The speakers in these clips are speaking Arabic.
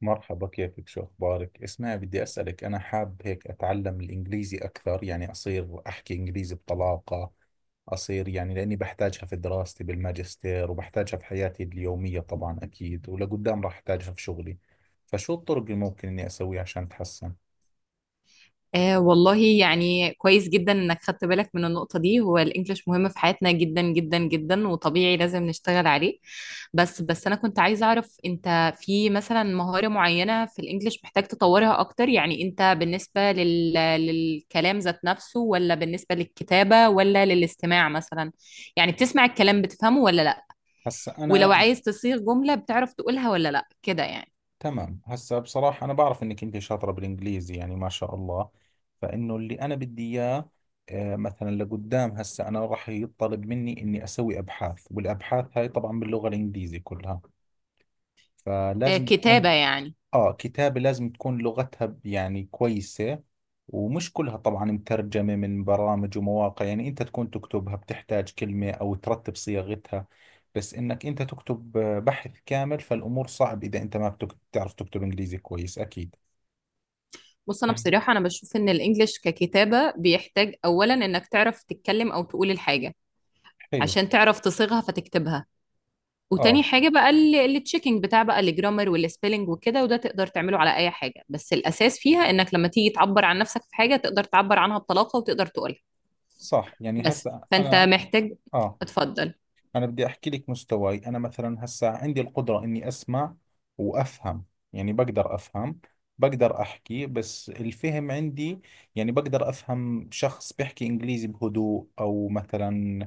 مرحبا، كيفك؟ شو أخبارك؟ اسمعي، بدي أسألك. أنا حاب هيك أتعلم الإنجليزي أكثر، يعني أصير أحكي إنجليزي بطلاقة، أصير، يعني لأني بحتاجها في دراستي بالماجستير، وبحتاجها في حياتي اليومية طبعا أكيد، ولقدام راح أحتاجها في شغلي. فشو الطرق اللي ممكن إني أسويها عشان أتحسن؟ آه والله، يعني كويس جدا انك خدت بالك من النقطة دي. هو الانجليش مهم في حياتنا جدا جدا جدا، وطبيعي لازم نشتغل عليه. بس انا كنت عايزة اعرف، انت في مثلا مهارة معينة في الانجليش محتاج تطورها اكتر؟ يعني انت بالنسبة للكلام ذات نفسه، ولا بالنسبة للكتابة، ولا للاستماع مثلا؟ يعني بتسمع الكلام بتفهمه ولا لا؟ هسا ولو أنا. عايز تصيغ جملة بتعرف تقولها ولا لا، كده يعني. تمام، هسا بصراحة أنا بعرف إنك أنت شاطرة بالإنجليزي يعني ما شاء الله. فإنه اللي أنا بدي إياه. مثلا لقدام هسا أنا راح يطلب مني إني أسوي أبحاث، والأبحاث هاي طبعا باللغة الإنجليزي كلها. آه، فلازم كتابة تكون. يعني. آه، كتابة لازم تكون لغتها يعني كويسة. ومش كلها طبعا مترجمة من برامج ومواقع، يعني أنت تكون تكتبها، بتحتاج كلمة أو ترتب صياغتها. بس إنك أنت تكتب بحث كامل، فالأمور صعب إذا أنت ما بتعرف تكتب إنجليزي كويس أكيد. بص، انا بصراحه انا بشوف ان الانجليش ككتابه بيحتاج اولا انك تعرف تتكلم او تقول الحاجه حلو. عشان تعرف تصيغها فتكتبها. وتاني آه، حاجه بقى التشيكينج بتاع بقى الجرامر والسبيلنج وكده، وده تقدر تعمله على اي حاجه. بس الاساس فيها انك لما تيجي تعبر عن نفسك في حاجه تقدر تعبر عنها بطلاقه وتقدر تقولها. صح، يعني بس، هسا فانت أنا. محتاج. آه، اتفضل. انا بدي احكي لك مستواي. انا مثلا هسا عندي القدرة اني اسمع وافهم. يعني بقدر افهم، بقدر احكي، بس الفهم عندي، يعني بقدر افهم شخص بيحكي انجليزي بهدوء، او مثلا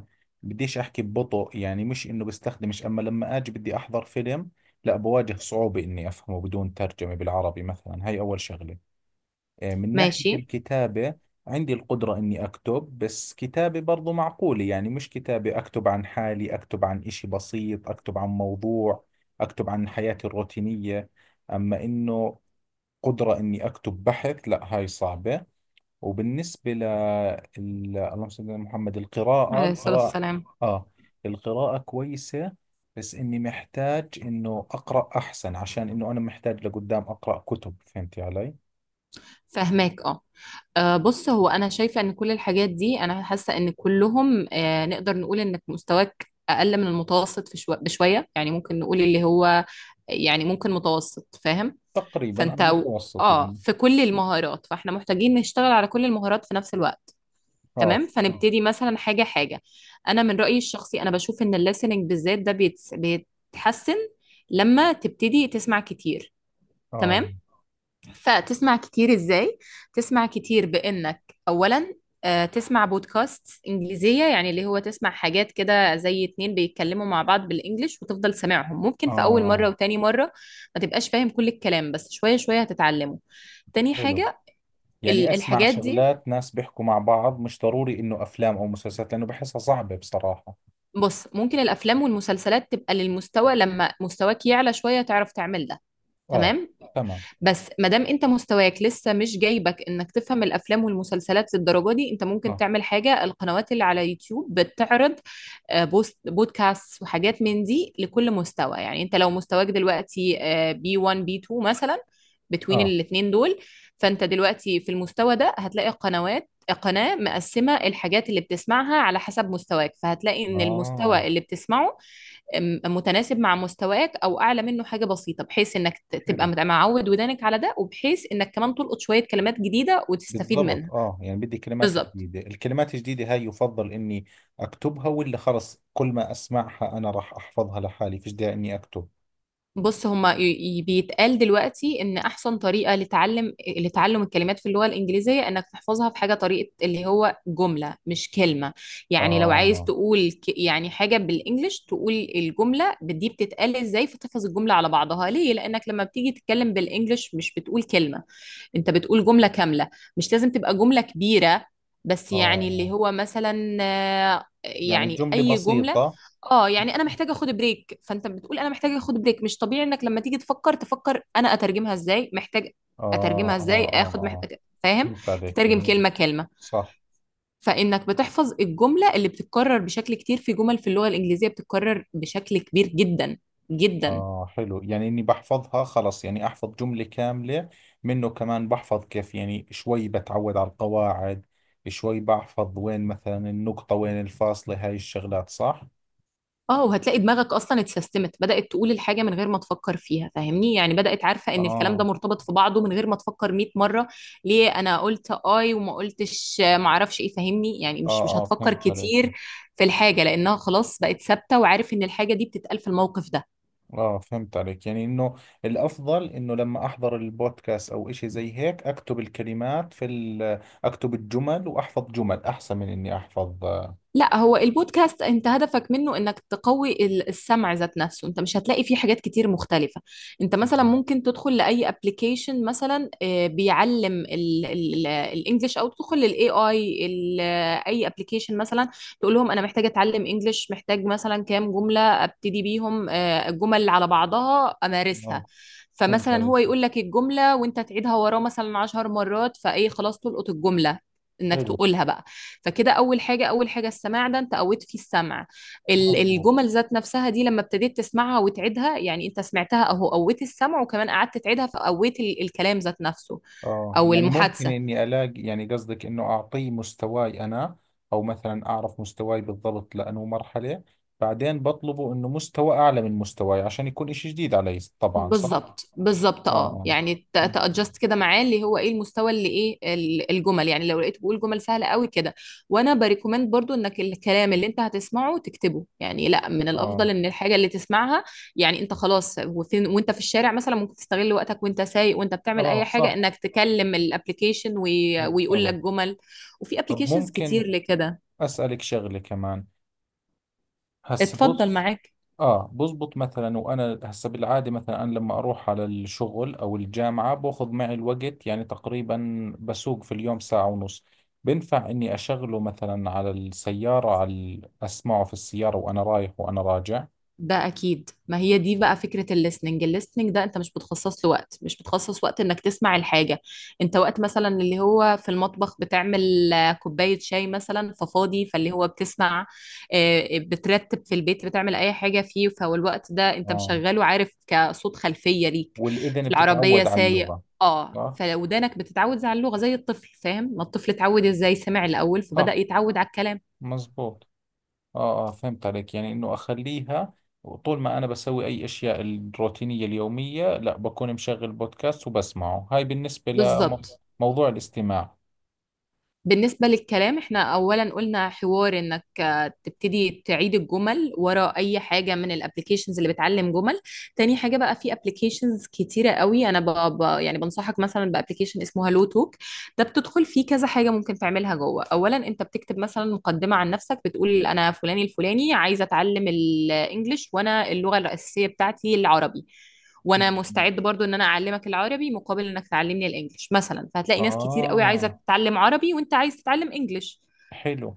بديش احكي ببطء، يعني مش انه بستخدمش، اما لما اجي بدي احضر فيلم لا، بواجه صعوبة اني افهمه بدون ترجمة بالعربي. مثلا، هاي اول شغلة. من ناحية ماشي. الكتابة عندي القدرة إني أكتب، بس كتابة برضو معقولة. يعني مش كتابة، أكتب عن حالي، أكتب عن إشي بسيط، أكتب عن موضوع، أكتب عن حياتي الروتينية. أما إنه قدرة إني أكتب بحث، لا، هاي صعبة. وبالنسبة اللهم صل على محمد. عليه الصلاه والسلام. آه القراءة كويسة، بس إني محتاج إنه أقرأ أحسن، عشان إنه أنا محتاج لقدام أقرأ كتب. فهمتي علي؟ فهماك، اه. بص، هو انا شايفه ان كل الحاجات دي انا حاسه ان كلهم، نقدر نقول انك مستواك اقل من المتوسط في بشويه، يعني ممكن نقول اللي هو يعني ممكن متوسط، فاهم؟ تقريبا فانت انا متوسط يعني. في كل المهارات، فاحنا محتاجين نشتغل على كل المهارات في نفس الوقت. اه، تمام. فنبتدي مثلا حاجه حاجه. انا من رايي الشخصي انا بشوف ان الليسننج بالذات ده بيتحسن لما تبتدي تسمع كتير. اه، تمام. فتسمع كتير ازاي؟ تسمع كتير بانك اولا تسمع بودكاست انجليزية، يعني اللي هو تسمع حاجات كده زي اتنين بيتكلموا مع بعض بالانجلش وتفضل سامعهم. ممكن في اول اه. مرة وتاني مرة ما تبقاش فاهم كل الكلام، بس شوية شوية هتتعلمه. تاني حلو. حاجة يعني ال- اسمع الحاجات دي، شغلات ناس بيحكوا مع بعض، مش ضروري انه افلام او مسلسلات لانه بحسها صعبة بصراحة. بص ممكن الافلام والمسلسلات تبقى للمستوى لما مستواك يعلى شوية تعرف تعمل ده. اه، تمام. تمام. بس ما دام انت مستواك لسه مش جايبك انك تفهم الافلام والمسلسلات للدرجه دي، انت ممكن اه، تعمل حاجه: القنوات اللي على يوتيوب بتعرض بوست بودكاست وحاجات من دي لكل مستوى. يعني انت لو مستواك دلوقتي B1 B2 مثلا، بتوين اه، الاتنين دول، فانت دلوقتي في المستوى ده هتلاقي قنوات، قناة مقسمة الحاجات اللي بتسمعها على حسب مستواك، فهتلاقي ان اه. المستوى اللي بتسمعه متناسب مع مستواك او اعلى منه حاجه بسيطه، بحيث انك تبقى حلو، معود ودانك على ده، وبحيث انك كمان تلقط شويه كلمات جديده وتستفيد بالضبط، منها. اه، يعني بدي كلمات بالظبط. جديدة. الكلمات الجديدة هاي يفضل اني اكتبها، ولا خلص كل ما اسمعها انا راح احفظها لحالي فيش داعي اني اكتب؟ بص، هما بيتقال دلوقتي ان احسن طريقه لتعلم لتعلم الكلمات في اللغه الانجليزيه انك تحفظها في حاجه طريقه اللي هو جمله مش كلمه. يعني لو عايز اه، تقول يعني حاجه بالانجلش، تقول الجمله دي بتتقال ازاي، فتحفظ الجمله على بعضها. ليه؟ لانك لما بتيجي تتكلم بالانجلش مش بتقول كلمه، انت بتقول جمله كامله. مش لازم تبقى جمله كبيره، بس يعني اللي اه، هو مثلا يعني يعني جملة اي بسيطة، جمله. اه. اه، يعني انا محتاجه اخد بريك، فانت بتقول انا محتاجه اخد بريك. مش طبيعي انك لما تيجي تفكر انا اترجمها ازاي، محتاج اه، اترجمها ازاي، اه، اخد آه. فاهم؟ فهمت عليك تترجم يعني. كلمه كلمه. صح. فانك بتحفظ الجمله اللي بتتكرر بشكل كتير. في جمل في اللغه الانجليزيه بتتكرر بشكل كبير جدا جدا. آه، حلو، يعني إني بحفظها خلص يعني أحفظ جملة كاملة، منه كمان بحفظ كيف، يعني شوي بتعود على القواعد، شوي بحفظ وين مثلا النقطة وين الفاصلة، هاي الشغلات صح؟ اه، وهتلاقي دماغك اصلا اتسيستمت، بدأت تقول الحاجة من غير ما تفكر فيها، فاهمني؟ يعني بدأت عارفة ان الكلام ده آه. مرتبط في بعضه من غير ما تفكر 100 مرة ليه انا قلت اي وما قلتش ما اعرفش ايه. فاهمني؟ يعني مش آه، مش آه، هتفكر فهمت عليك. كتير في الحاجة، لانها خلاص بقت ثابتة، وعارف ان الحاجة دي بتتقال في الموقف ده. آه، فهمت عليك، يعني إنه الأفضل إنه لما أحضر البودكاست أو إشي زي هيك أكتب الكلمات في ال أكتب الجمل وأحفظ جمل أحسن من إني أحفظ آه. لا، هو البودكاست انت هدفك منه انك تقوي السمع ذات نفسه. انت مش هتلاقي فيه حاجات كتير مختلفة. انت مثلا ممكن تدخل لأي ابلكيشن مثلا بيعلم الانجليش، او تدخل للاي اي اي ابلكيشن مثلا، تقول لهم انا محتاجة اتعلم انجليش، محتاج مثلا كام جملة ابتدي بيهم الجمل على بعضها امارسها. آه، فهمت فمثلا عليك. هو يقول لك الجملة وانت تعيدها وراه مثلا 10 مرات، فايه خلاص تلقط الجملة انك حلو. تقولها بقى. فكده اول حاجه اول حاجه السماع، ده انت قويت فيه السمع. مظبوط. الجمل ذات نفسها دي لما ابتديت تسمعها وتعيدها، يعني انت سمعتها اهو قويت السمع، وكمان قعدت تعيدها فقويت الكلام ذات نفسه، اه، او يعني ممكن المحادثه. اني الاقي، يعني قصدك انه اعطيه مستواي انا، او مثلا اعرف مستواي بالضبط لانه مرحلة، بعدين بطلبه انه مستوى اعلى من مستواي عشان يكون اشي جديد علي طبعا، صح؟ بالظبط بالظبط. اه، اه، يعني اه، اه، تادجست كده معاه اللي هو ايه المستوى، اللي ايه الجمل. يعني لو لقيته بيقول جمل سهله قوي كده، وانا بريكومند برضو انك الكلام اللي انت هتسمعه تكتبه، يعني لا، من اه. الافضل ان الحاجه اللي تسمعها، يعني انت خلاص وفين وانت في الشارع مثلا ممكن تستغل وقتك، وانت سايق وانت بتعمل آه، اي حاجه صح، انك تكلم الابلكيشن ويقول لك بالضبط. جمل. وفي طب ابلكيشنز كتير ممكن لكده. اسألك شغلة كمان؟ هسه اتفضل بص. معاك. اه، بزبط مثلا، وانا هسه بالعاده مثلا انا لما اروح على الشغل او الجامعه باخذ معي الوقت، يعني تقريبا بسوق في اليوم ساعه ونص. بنفع اني اشغله مثلا على السياره، اسمعه في السياره وانا رايح وانا راجع؟ ده اكيد، ما هي دي بقى فكره الليسننج. الليسننج ده انت مش بتخصص له وقت، مش بتخصص وقت انك تسمع الحاجه. انت وقت مثلا اللي هو في المطبخ بتعمل كوبايه شاي مثلا ففاضي، فاللي هو بتسمع، بترتب في البيت بتعمل اي حاجه فيه، فهو الوقت ده انت اه، مشغله عارف كصوت خلفيه ليك والاذن في العربيه بتتعود على سايق. اللغه. اه، صح، فودانك بتتعود على اللغه زي الطفل. فاهم؟ ما الطفل اتعود ازاي؟ سمع الاول فبدا صح، يتعود على الكلام. مزبوط. اه، اه، فهمت عليك، يعني انه اخليها طول ما انا بسوي اي اشياء الروتينيه اليوميه، لا، بكون مشغل بودكاست وبسمعه. هاي بالنسبه بالظبط. لموضوع الاستماع. بالنسبة للكلام احنا أولا قلنا حوار إنك تبتدي تعيد الجمل ورا أي حاجة من الابليكيشنز اللي بتعلم جمل. تاني حاجة بقى في ابليكيشنز كتيرة قوي، أنا يعني بنصحك مثلا بابليكيشن اسمه هالو توك. ده بتدخل فيه كذا حاجة ممكن تعملها جوه. أولا أنت بتكتب مثلا مقدمة عن نفسك بتقول أنا فلاني الفلاني، عايزة أتعلم الإنجليش، وأنا اللغة الأساسية بتاعتي العربي، وانا مم. مستعد برضو ان انا اعلمك العربي مقابل انك تعلمني الانجليش مثلا. فهتلاقي ناس كتير قوي عايزه آه، تتعلم عربي، وانت عايز تتعلم انجليش، حلو.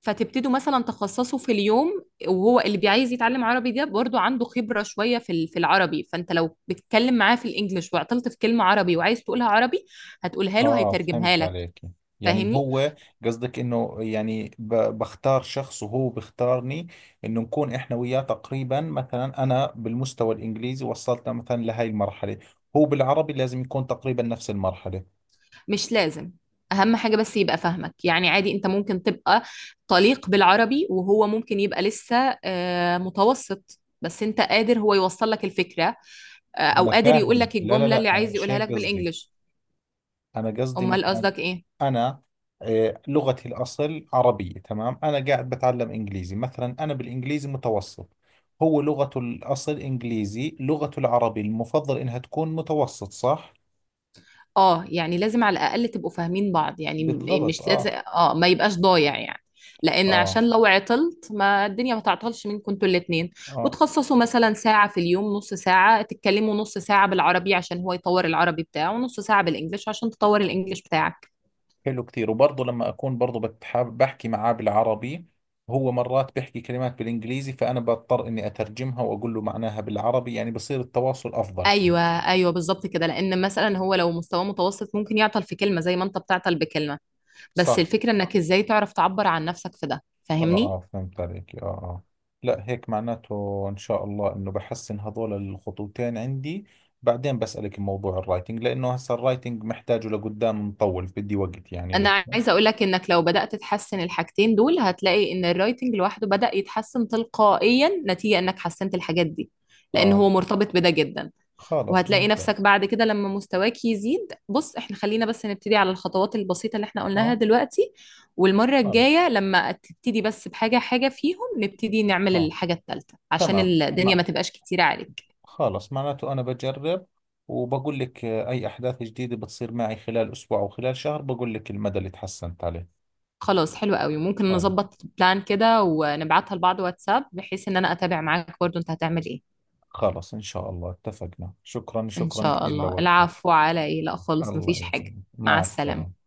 فتبتدوا مثلا تخصصوا في اليوم. وهو اللي بيعايز يتعلم عربي ده برضو عنده خبره شويه في في العربي، فانت لو بتتكلم معاه في الانجليش وعطلت في كلمه عربي وعايز تقولها عربي، هتقولها له، آه، هيترجمها فهمت لك. عليك، يعني فاهمني؟ هو قصدك إنه، يعني بختار شخص وهو بختارني، إنه نكون إحنا وياه تقريبا، مثلا أنا بالمستوى الإنجليزي وصلت مثلا لهاي المرحلة، هو بالعربي لازم يكون تقريبا نفس المرحلة. مش لازم. اهم حاجة بس يبقى فاهمك. يعني عادي، انت ممكن تبقى طليق بالعربي وهو ممكن يبقى لسه متوسط، بس انت قادر هو يوصل لك الفكرة، او أنا قادر يقول فاهم، لك لا، لا، الجملة اللي لا، أنا عايز مش يقولها لك هيك قصدي. بالانجلش. أنا قصدي امال مثلا، قصدك ايه؟ أنا لغتي الأصل عربية، تمام. أنا قاعد بتعلم إنجليزي، مثلا أنا بالإنجليزي متوسط، هو لغته الأصل إنجليزي، لغته العربي المفضل إنها تكون متوسط، صح؟ اه، يعني لازم على الاقل تبقوا فاهمين بعض، يعني بالضبط. مش لازم، آه، اه، ما يبقاش ضايع يعني. لان آه، عشان لو عطلت، ما الدنيا ما تعطلش منكم انتوا الاتنين، آه. وتخصصوا مثلا ساعة في اليوم، نص ساعة تتكلموا نص ساعة بالعربي عشان هو يطور العربي بتاعه، ونص ساعة بالانجليش عشان تطور الانجليش بتاعك. حلو كثير. وبرضه لما أكون برضه بتحاب بحكي معاه بالعربي، هو مرات بيحكي كلمات بالإنجليزي فأنا بضطر إني أترجمها وأقول له معناها بالعربي، يعني بصير التواصل أفضل كمان. ايوه ايوه، بالظبط كده. لان مثلا هو لو مستواه متوسط ممكن يعطل في كلمة زي ما انت بتعطل بكلمة. بس صح. الفكرة انك ازاي تعرف تعبر عن نفسك في ده. اه، فاهمني؟ اه، فهمت عليك، اه، اه. لا، هيك معناته ان شاء الله انه بحسن هذول الخطوتين عندي. بعدين بسألك موضوع الرايتنج، لانه هسه الرايتنج محتاجه لقدام مطول، بدي وقت يعني انا لسه. عايزه اقول لك انك لو بدات تحسن الحاجتين دول، هتلاقي ان الرايتنج لوحده بدا يتحسن تلقائيا نتيجه انك حسنت الحاجات دي، لان اه، هو مرتبط بده جدا. خلص وهتلاقي نفسك ممتاز. بعد كده لما مستواك يزيد. بص، احنا خلينا بس نبتدي على الخطوات البسيطه اللي احنا قلناها اه. دلوقتي، والمره خلص. الجايه لما تبتدي بس بحاجه حاجه فيهم، نبتدي نعمل اه. الحاجه الثالثه عشان تمام، الدنيا مع. ما تبقاش كتيره عليك. خلص، معناته انا بجرب وبقول لك اي احداث جديدة بتصير معي خلال اسبوع او خلال شهر، بقول لك المدى اللي تحسنت عليه. خلاص حلو قوي، ممكن خلص. نظبط بلان كده ونبعتها لبعض واتساب، بحيث ان انا اتابع معاك برضو انت هتعمل ايه. خلص ان شاء الله، اتفقنا. شكرا، إن شكرا شاء كثير الله. لوقتك. العفو، على إيه؟ لا خالص، الله مفيش حاجة. يسلمك، مع مع السلامة. السلامة.